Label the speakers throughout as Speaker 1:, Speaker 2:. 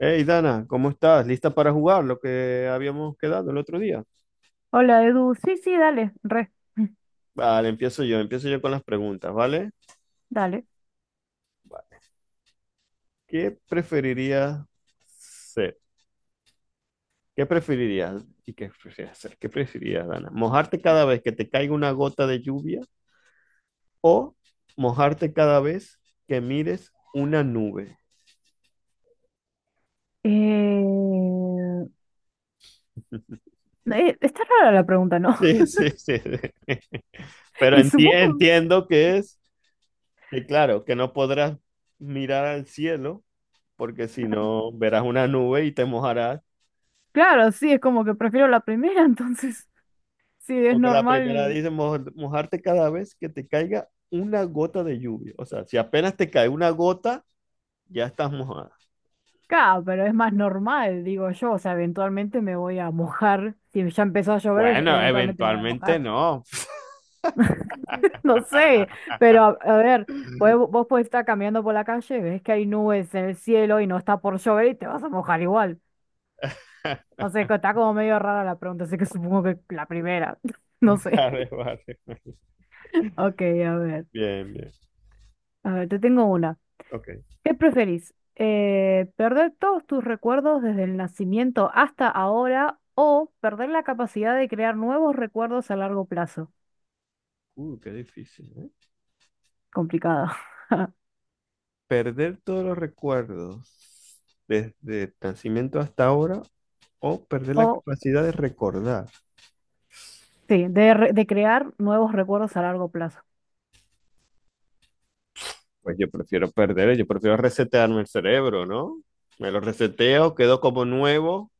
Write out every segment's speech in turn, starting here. Speaker 1: Hey Dana, ¿cómo estás? ¿Lista para jugar lo que habíamos quedado el otro día?
Speaker 2: Hola, Edu. Sí, sí, dale, re,
Speaker 1: Vale, empiezo yo con las preguntas, ¿vale?
Speaker 2: dale.
Speaker 1: ¿Qué preferirías ser? ¿Qué preferirías? ¿Y qué preferirías ser? ¿Qué preferirías, Dana? ¿Mojarte cada vez que te caiga una gota de lluvia o mojarte cada vez que mires una nube?
Speaker 2: Eh, está rara la pregunta, ¿no?
Speaker 1: Sí, sí, sí, sí. Pero
Speaker 2: Y
Speaker 1: enti-
Speaker 2: supongo,
Speaker 1: entiendo que es, que claro, que no podrás mirar al cielo, porque si no verás una nube y te mojarás.
Speaker 2: claro, sí, es como que prefiero la primera, entonces, sí, es
Speaker 1: Porque la primera
Speaker 2: normal,
Speaker 1: dice "Mojarte cada vez que te caiga una gota de lluvia". O sea, si apenas te cae una gota, ya estás mojada.
Speaker 2: claro, pero es más normal, digo yo, o sea, eventualmente me voy a mojar, si ya empezó a llover,
Speaker 1: Bueno,
Speaker 2: eventualmente me voy a
Speaker 1: eventualmente
Speaker 2: mojar,
Speaker 1: no.
Speaker 2: no sé, pero a ver, vos podés estar caminando por la calle, ves que hay nubes en el cielo y no está por llover y te vas a mojar igual. O sea, está como medio rara la pregunta, así que supongo que la primera. No sé.
Speaker 1: Vale, vale.
Speaker 2: Ok, a ver.
Speaker 1: Bien, bien.
Speaker 2: A ver, te tengo una.
Speaker 1: Ok.
Speaker 2: ¿Qué preferís? ¿Perder todos tus recuerdos desde el nacimiento hasta ahora o perder la capacidad de crear nuevos recuerdos a largo plazo?
Speaker 1: Qué difícil, ¿eh?
Speaker 2: Complicado.
Speaker 1: Perder todos los recuerdos desde el nacimiento hasta ahora o perder la
Speaker 2: O,
Speaker 1: capacidad de recordar.
Speaker 2: sí, de crear nuevos recuerdos a largo plazo.
Speaker 1: Pues yo prefiero resetearme el cerebro, ¿no? Me lo reseteo, quedo como nuevo.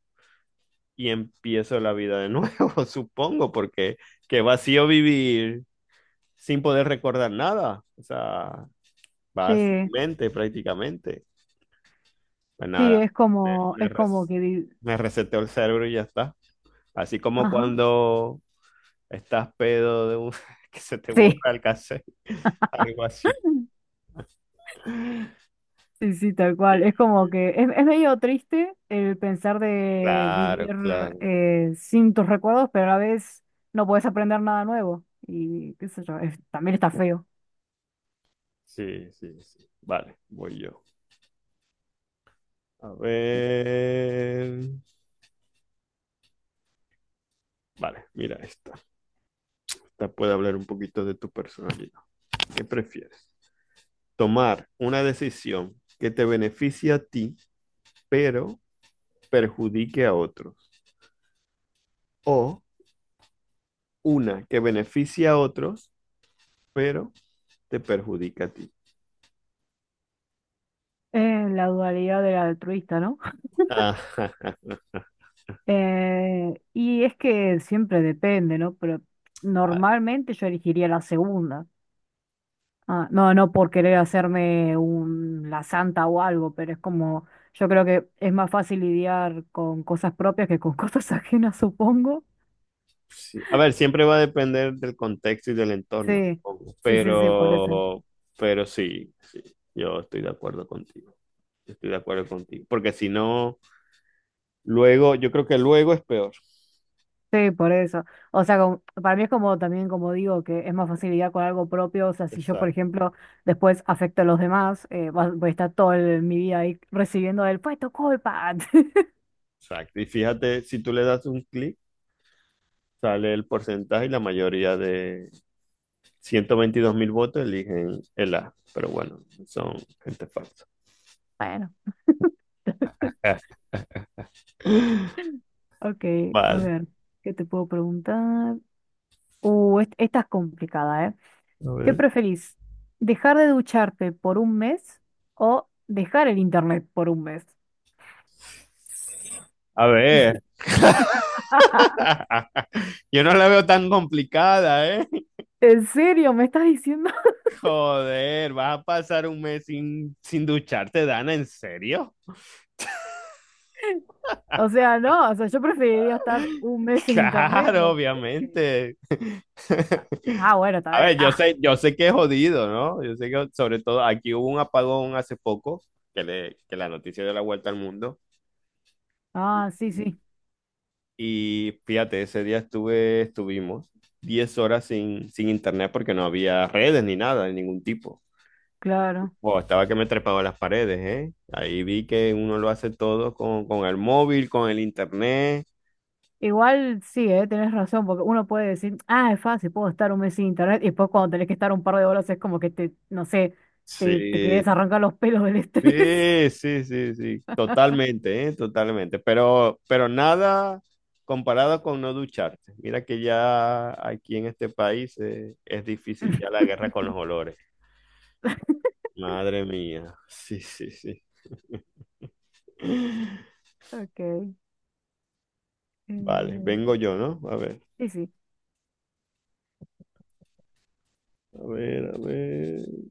Speaker 1: Y empiezo la vida de nuevo, supongo, porque qué vacío vivir sin poder recordar nada, o sea, va sin
Speaker 2: Sí,
Speaker 1: mente prácticamente. Pues
Speaker 2: sí,
Speaker 1: nada,
Speaker 2: es
Speaker 1: me,
Speaker 2: como,
Speaker 1: me,
Speaker 2: es como
Speaker 1: res-
Speaker 2: que... vi-
Speaker 1: me reseteó el cerebro y ya está. Así como
Speaker 2: Ajá.
Speaker 1: cuando estás pedo de un, que se te
Speaker 2: Sí.
Speaker 1: borra el cassette, algo así. Sí,
Speaker 2: Sí, sí, tal cual. Es como que es medio triste el pensar de vivir
Speaker 1: claro, claro.
Speaker 2: sin tus recuerdos, pero a la vez no puedes aprender nada nuevo. Y qué sé yo, también está feo.
Speaker 1: Sí, sí, sí. Vale, voy yo. A ver. Vale, mira esto. Puede hablar un poquito de tu personalidad. ¿Qué prefieres? Tomar una decisión que te beneficie a ti, pero perjudique a otros. O una que beneficie a otros, pero te perjudica a ti.
Speaker 2: La dualidad del altruista, ¿no? Y es que siempre depende, ¿no? Pero
Speaker 1: Ah,
Speaker 2: normalmente yo elegiría la segunda. Ah, no, no por querer hacerme un, la santa o algo, pero es como, yo creo que es más fácil lidiar con cosas propias que con cosas ajenas, supongo.
Speaker 1: sí. A ver, siempre va a depender del contexto y del entorno,
Speaker 2: Sí,
Speaker 1: supongo.
Speaker 2: sí, sí, sí, por eso.
Speaker 1: pero sí, sí, yo estoy de acuerdo contigo. Yo estoy de acuerdo contigo. Porque si no, luego, yo creo que luego es peor.
Speaker 2: Sí, por eso. O sea, para mí es como también, como digo, que es más fácil facilidad con algo propio. O sea, si yo, por
Speaker 1: Exacto.
Speaker 2: ejemplo, después afecto a los demás, voy a estar toda mi vida ahí recibiendo el, fue tu culpa.
Speaker 1: Exacto. Y fíjate, si tú le das un clic, sale el porcentaje y la mayoría de 122.000 votos eligen el A. Pero bueno, son gente falsa.
Speaker 2: Bueno, ok, a
Speaker 1: Vale.
Speaker 2: ver, ¿qué te puedo preguntar? Esta es complicada, ¿eh?
Speaker 1: A
Speaker 2: ¿Qué
Speaker 1: ver.
Speaker 2: preferís? ¿Dejar de ducharte por un mes o dejar el internet por un mes?
Speaker 1: A ver, yo no la veo tan complicada, ¿eh?
Speaker 2: ¿En serio? ¿Me estás diciendo?
Speaker 1: Joder, vas a pasar un mes sin ducharte, Dana, ¿en serio?
Speaker 2: O sea, no, o sea, yo preferiría estar un mes sin internet,
Speaker 1: Claro,
Speaker 2: no sé.
Speaker 1: obviamente.
Speaker 2: Ah, bueno, está
Speaker 1: A
Speaker 2: bien.
Speaker 1: ver, yo
Speaker 2: Ah,
Speaker 1: sé, yo sé que es jodido, ¿no? Yo sé que sobre todo aquí hubo un apagón hace poco, que la noticia dio la vuelta al mundo. Y,
Speaker 2: ah, sí, sí,
Speaker 1: y fíjate, ese día estuve, estuvimos 10 horas sin internet, porque no había redes ni nada de ningún tipo.
Speaker 2: claro.
Speaker 1: Wow, estaba que me trepaba las paredes, ¿eh? Ahí vi que uno lo hace todo con el móvil, con el internet.
Speaker 2: Igual sí, tenés razón, porque uno puede decir, ah, es fácil, puedo estar un mes sin internet, y después cuando tenés que estar un par de horas es como que te, no sé, te querés
Speaker 1: Sí,
Speaker 2: arrancar los pelos del estrés.
Speaker 1: sí, sí, sí, sí, totalmente, ¿eh? Totalmente. Pero nada comparado con no ducharte. Mira que ya aquí en este país es difícil ya la guerra con los olores. Madre mía, sí, sí, sí.
Speaker 2: Ok.
Speaker 1: Vale, vengo
Speaker 2: eh,
Speaker 1: yo, ¿no? A ver,
Speaker 2: sí, sí.
Speaker 1: a ver, a ver.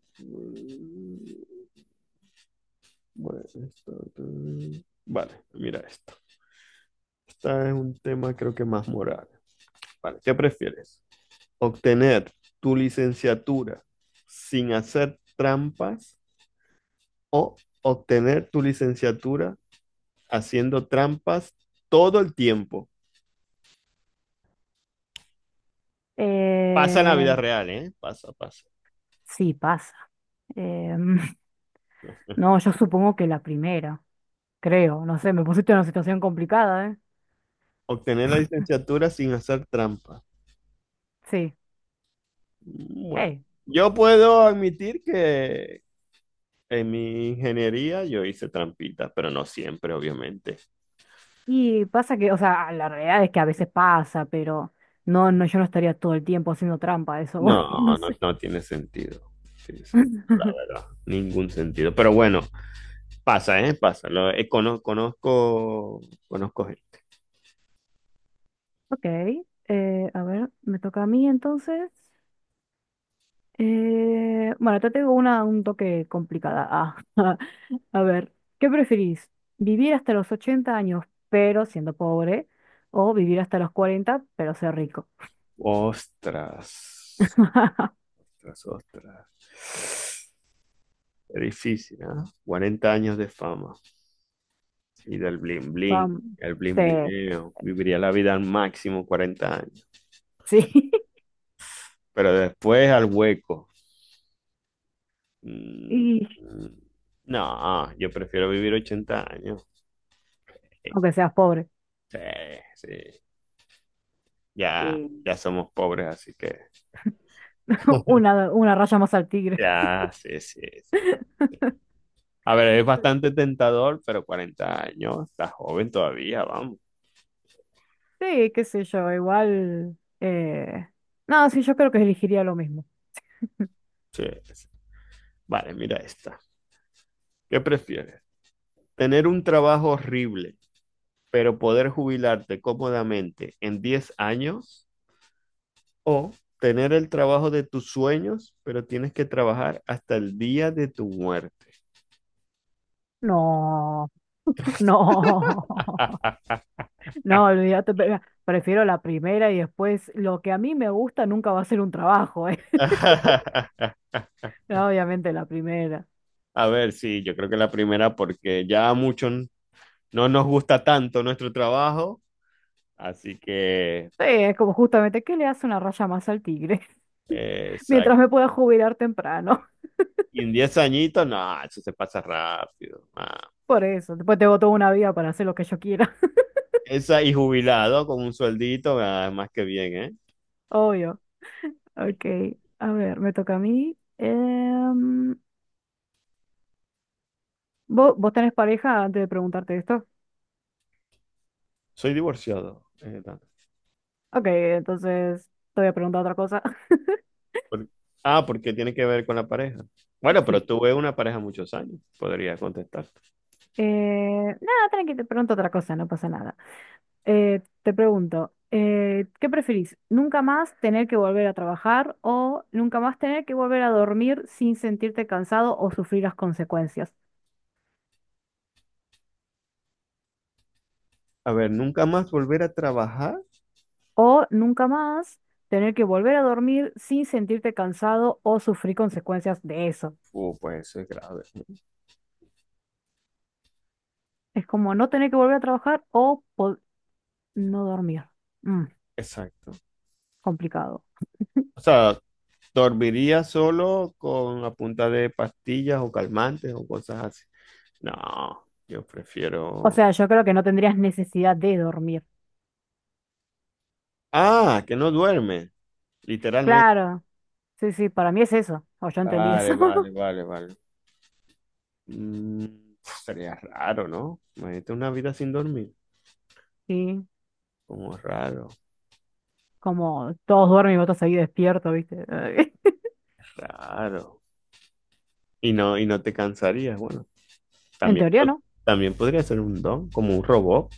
Speaker 1: Bueno, esto, esto. Vale, mira esto. Esta es un tema creo que más moral. Vale, ¿qué prefieres? Obtener tu licenciatura sin hacer trampas o obtener tu licenciatura haciendo trampas todo el tiempo. Pasa en la
Speaker 2: Eh,
Speaker 1: vida real, ¿eh? Pasa, pasa.
Speaker 2: sí, pasa. Em, no, yo supongo que la primera, creo, no sé, me pusiste en una situación complicada, ¿eh?
Speaker 1: Obtener la licenciatura sin hacer trampas.
Speaker 2: Sí.
Speaker 1: Bueno,
Speaker 2: Eh,
Speaker 1: yo puedo admitir que en mi ingeniería yo hice trampitas, pero no siempre, obviamente.
Speaker 2: y pasa que, o sea, la realidad es que a veces pasa, pero no, no, yo no estaría todo el tiempo haciendo trampa, a eso voy, no
Speaker 1: No, no,
Speaker 2: sé.
Speaker 1: no tiene sentido. No tiene sentido, la verdad. Ningún sentido. Pero bueno, pasa, ¿eh? Pasa. Conozco gente.
Speaker 2: Ok, a ver, me toca a mí entonces. Bueno, te tengo una un toque complicada. Ah, a ver, ¿qué preferís? ¿Vivir hasta los 80 años pero siendo pobre? ¿O vivir hasta los cuarenta pero ser rico?
Speaker 1: Ostras, ostras, ostras. Es difícil, ¿ah? 40 años de fama y del bling bling,
Speaker 2: Vam-
Speaker 1: el bling
Speaker 2: sí,
Speaker 1: blineo. Viviría la vida al máximo 40 años.
Speaker 2: sí,
Speaker 1: Pero después al hueco. Mm,
Speaker 2: y
Speaker 1: mm, No, yo prefiero vivir 80 años.
Speaker 2: aunque seas pobre.
Speaker 1: Sí, sí. Ya, ya somos pobres, así que
Speaker 2: Una raya más al tigre.
Speaker 1: ya, sí, sí, sí. A ver, es bastante tentador, pero 40 años, está joven todavía, vamos.
Speaker 2: Sí, qué sé yo, igual. Eh... No, sí, yo creo que elegiría lo mismo.
Speaker 1: Sí. Vale, mira esta. ¿Qué prefieres? ¿Tener un trabajo horrible, pero poder jubilarte cómodamente en 10 años? ¿O tener el trabajo de tus sueños, pero tienes que trabajar hasta el día de tu muerte?
Speaker 2: No, no, no, olvídate, prefiero la primera y después lo que a mí me gusta nunca va a ser un trabajo, ¿eh? No, obviamente la primera.
Speaker 1: A ver, sí, yo creo que la primera, porque ya a muchos no nos gusta tanto nuestro trabajo, así que.
Speaker 2: Sí, es como justamente, ¿qué le hace una raya más al tigre? Mientras
Speaker 1: Exacto.
Speaker 2: me pueda jubilar temprano.
Speaker 1: Y en 10 añitos, no, eso se pasa rápido. Ah.
Speaker 2: Por eso, después tengo toda una vida para hacer lo que yo quiera,
Speaker 1: Esa y jubilado con un sueldito, ah, más que bien, ¿eh?
Speaker 2: obvio. Ok, a ver, me toca a mí. Em, ¿vos, tenés pareja antes de preguntarte esto?
Speaker 1: Soy divorciado.
Speaker 2: Ok, entonces te voy a preguntar otra cosa.
Speaker 1: Por- Porque tiene que ver con la pareja. Bueno,
Speaker 2: Sí.
Speaker 1: pero tuve una pareja muchos años, podría contestarte.
Speaker 2: Nada, tranqui, te pregunto otra cosa, no pasa nada. Te pregunto, ¿qué preferís? ¿Nunca más tener que volver a trabajar o nunca más tener que volver a dormir sin sentirte cansado o sufrir las consecuencias?
Speaker 1: A ver, ¿nunca más volver a trabajar?
Speaker 2: O nunca más tener que volver a dormir sin sentirte cansado o sufrir consecuencias de eso.
Speaker 1: Pues eso es grave, ¿no?
Speaker 2: Es como no tener que volver a trabajar o no dormir. Mm,
Speaker 1: Exacto.
Speaker 2: complicado.
Speaker 1: O sea, dormiría solo con la punta de pastillas o calmantes o cosas así. No, yo
Speaker 2: O
Speaker 1: prefiero.
Speaker 2: sea, yo creo que no tendrías necesidad de dormir.
Speaker 1: Ah, que no duerme, literalmente.
Speaker 2: Claro. Sí, sí, para mí es eso. O yo entendí eso.
Speaker 1: Vale, vale, vale, vale. Mm, Sería raro, ¿no? Imagínate una vida sin dormir.
Speaker 2: Sí,
Speaker 1: Como raro,
Speaker 2: como todos duermen y vos estás ahí despierto, ¿viste?
Speaker 1: raro. Y no te cansarías. Bueno,
Speaker 2: En
Speaker 1: también,
Speaker 2: teoría,
Speaker 1: po-
Speaker 2: ¿no?
Speaker 1: también podría ser un don, como un robot.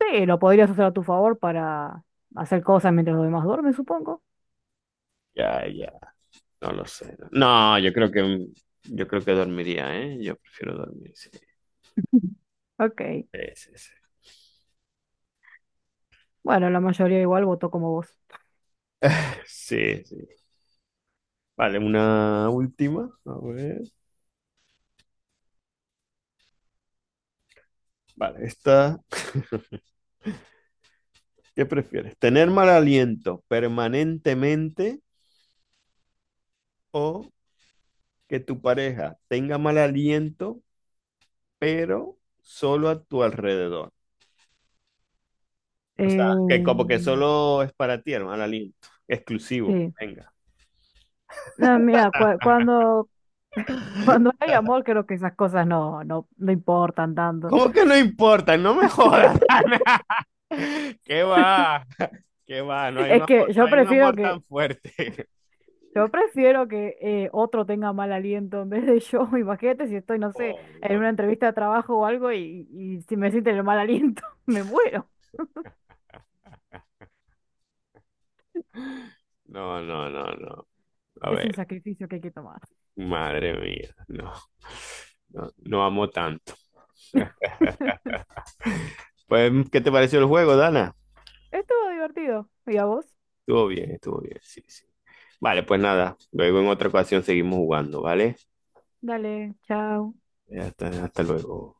Speaker 2: Sí, lo podrías usar a tu favor para hacer cosas mientras los demás duermen, supongo.
Speaker 1: Ya, ya, no lo sé. No, yo creo que dormiría, ¿eh? Yo prefiero dormir, sí.
Speaker 2: Ok.
Speaker 1: Sí, sí, sí.
Speaker 2: Bueno, la mayoría igual votó como vos.
Speaker 1: Sí, sí. Vale, una última. A ver. Vale, esta. ¿Qué prefieres? ¿Tener mal aliento permanentemente o que tu pareja tenga mal aliento, pero solo a tu alrededor? O sea,
Speaker 2: Eh,
Speaker 1: que como que solo es para ti el mal aliento, exclusivo,
Speaker 2: sí.
Speaker 1: venga.
Speaker 2: No, mira, cuando hay amor, creo que esas cosas no, no, no importan tanto.
Speaker 1: ¿Cómo que no importa? No me jodas, Ana. ¿Qué va? ¿Qué va? No hay un
Speaker 2: Es
Speaker 1: amor,
Speaker 2: que
Speaker 1: no hay un amor tan fuerte.
Speaker 2: yo prefiero que otro tenga mal aliento en vez de yo. Imagínate si estoy, no sé,
Speaker 1: Oh,
Speaker 2: en una entrevista de trabajo o algo y si me sienten el mal aliento, me muero.
Speaker 1: no, no, no, no. A
Speaker 2: Es
Speaker 1: ver,
Speaker 2: un sacrificio que hay que tomar.
Speaker 1: madre mía, no. No, no amo tanto. Pues, ¿qué te pareció el juego, Dana?
Speaker 2: Estuvo divertido. ¿Y a vos?
Speaker 1: Estuvo bien, sí, sí. Vale, pues nada, luego en otra ocasión seguimos jugando, ¿vale?
Speaker 2: Dale, chao.
Speaker 1: Hasta luego.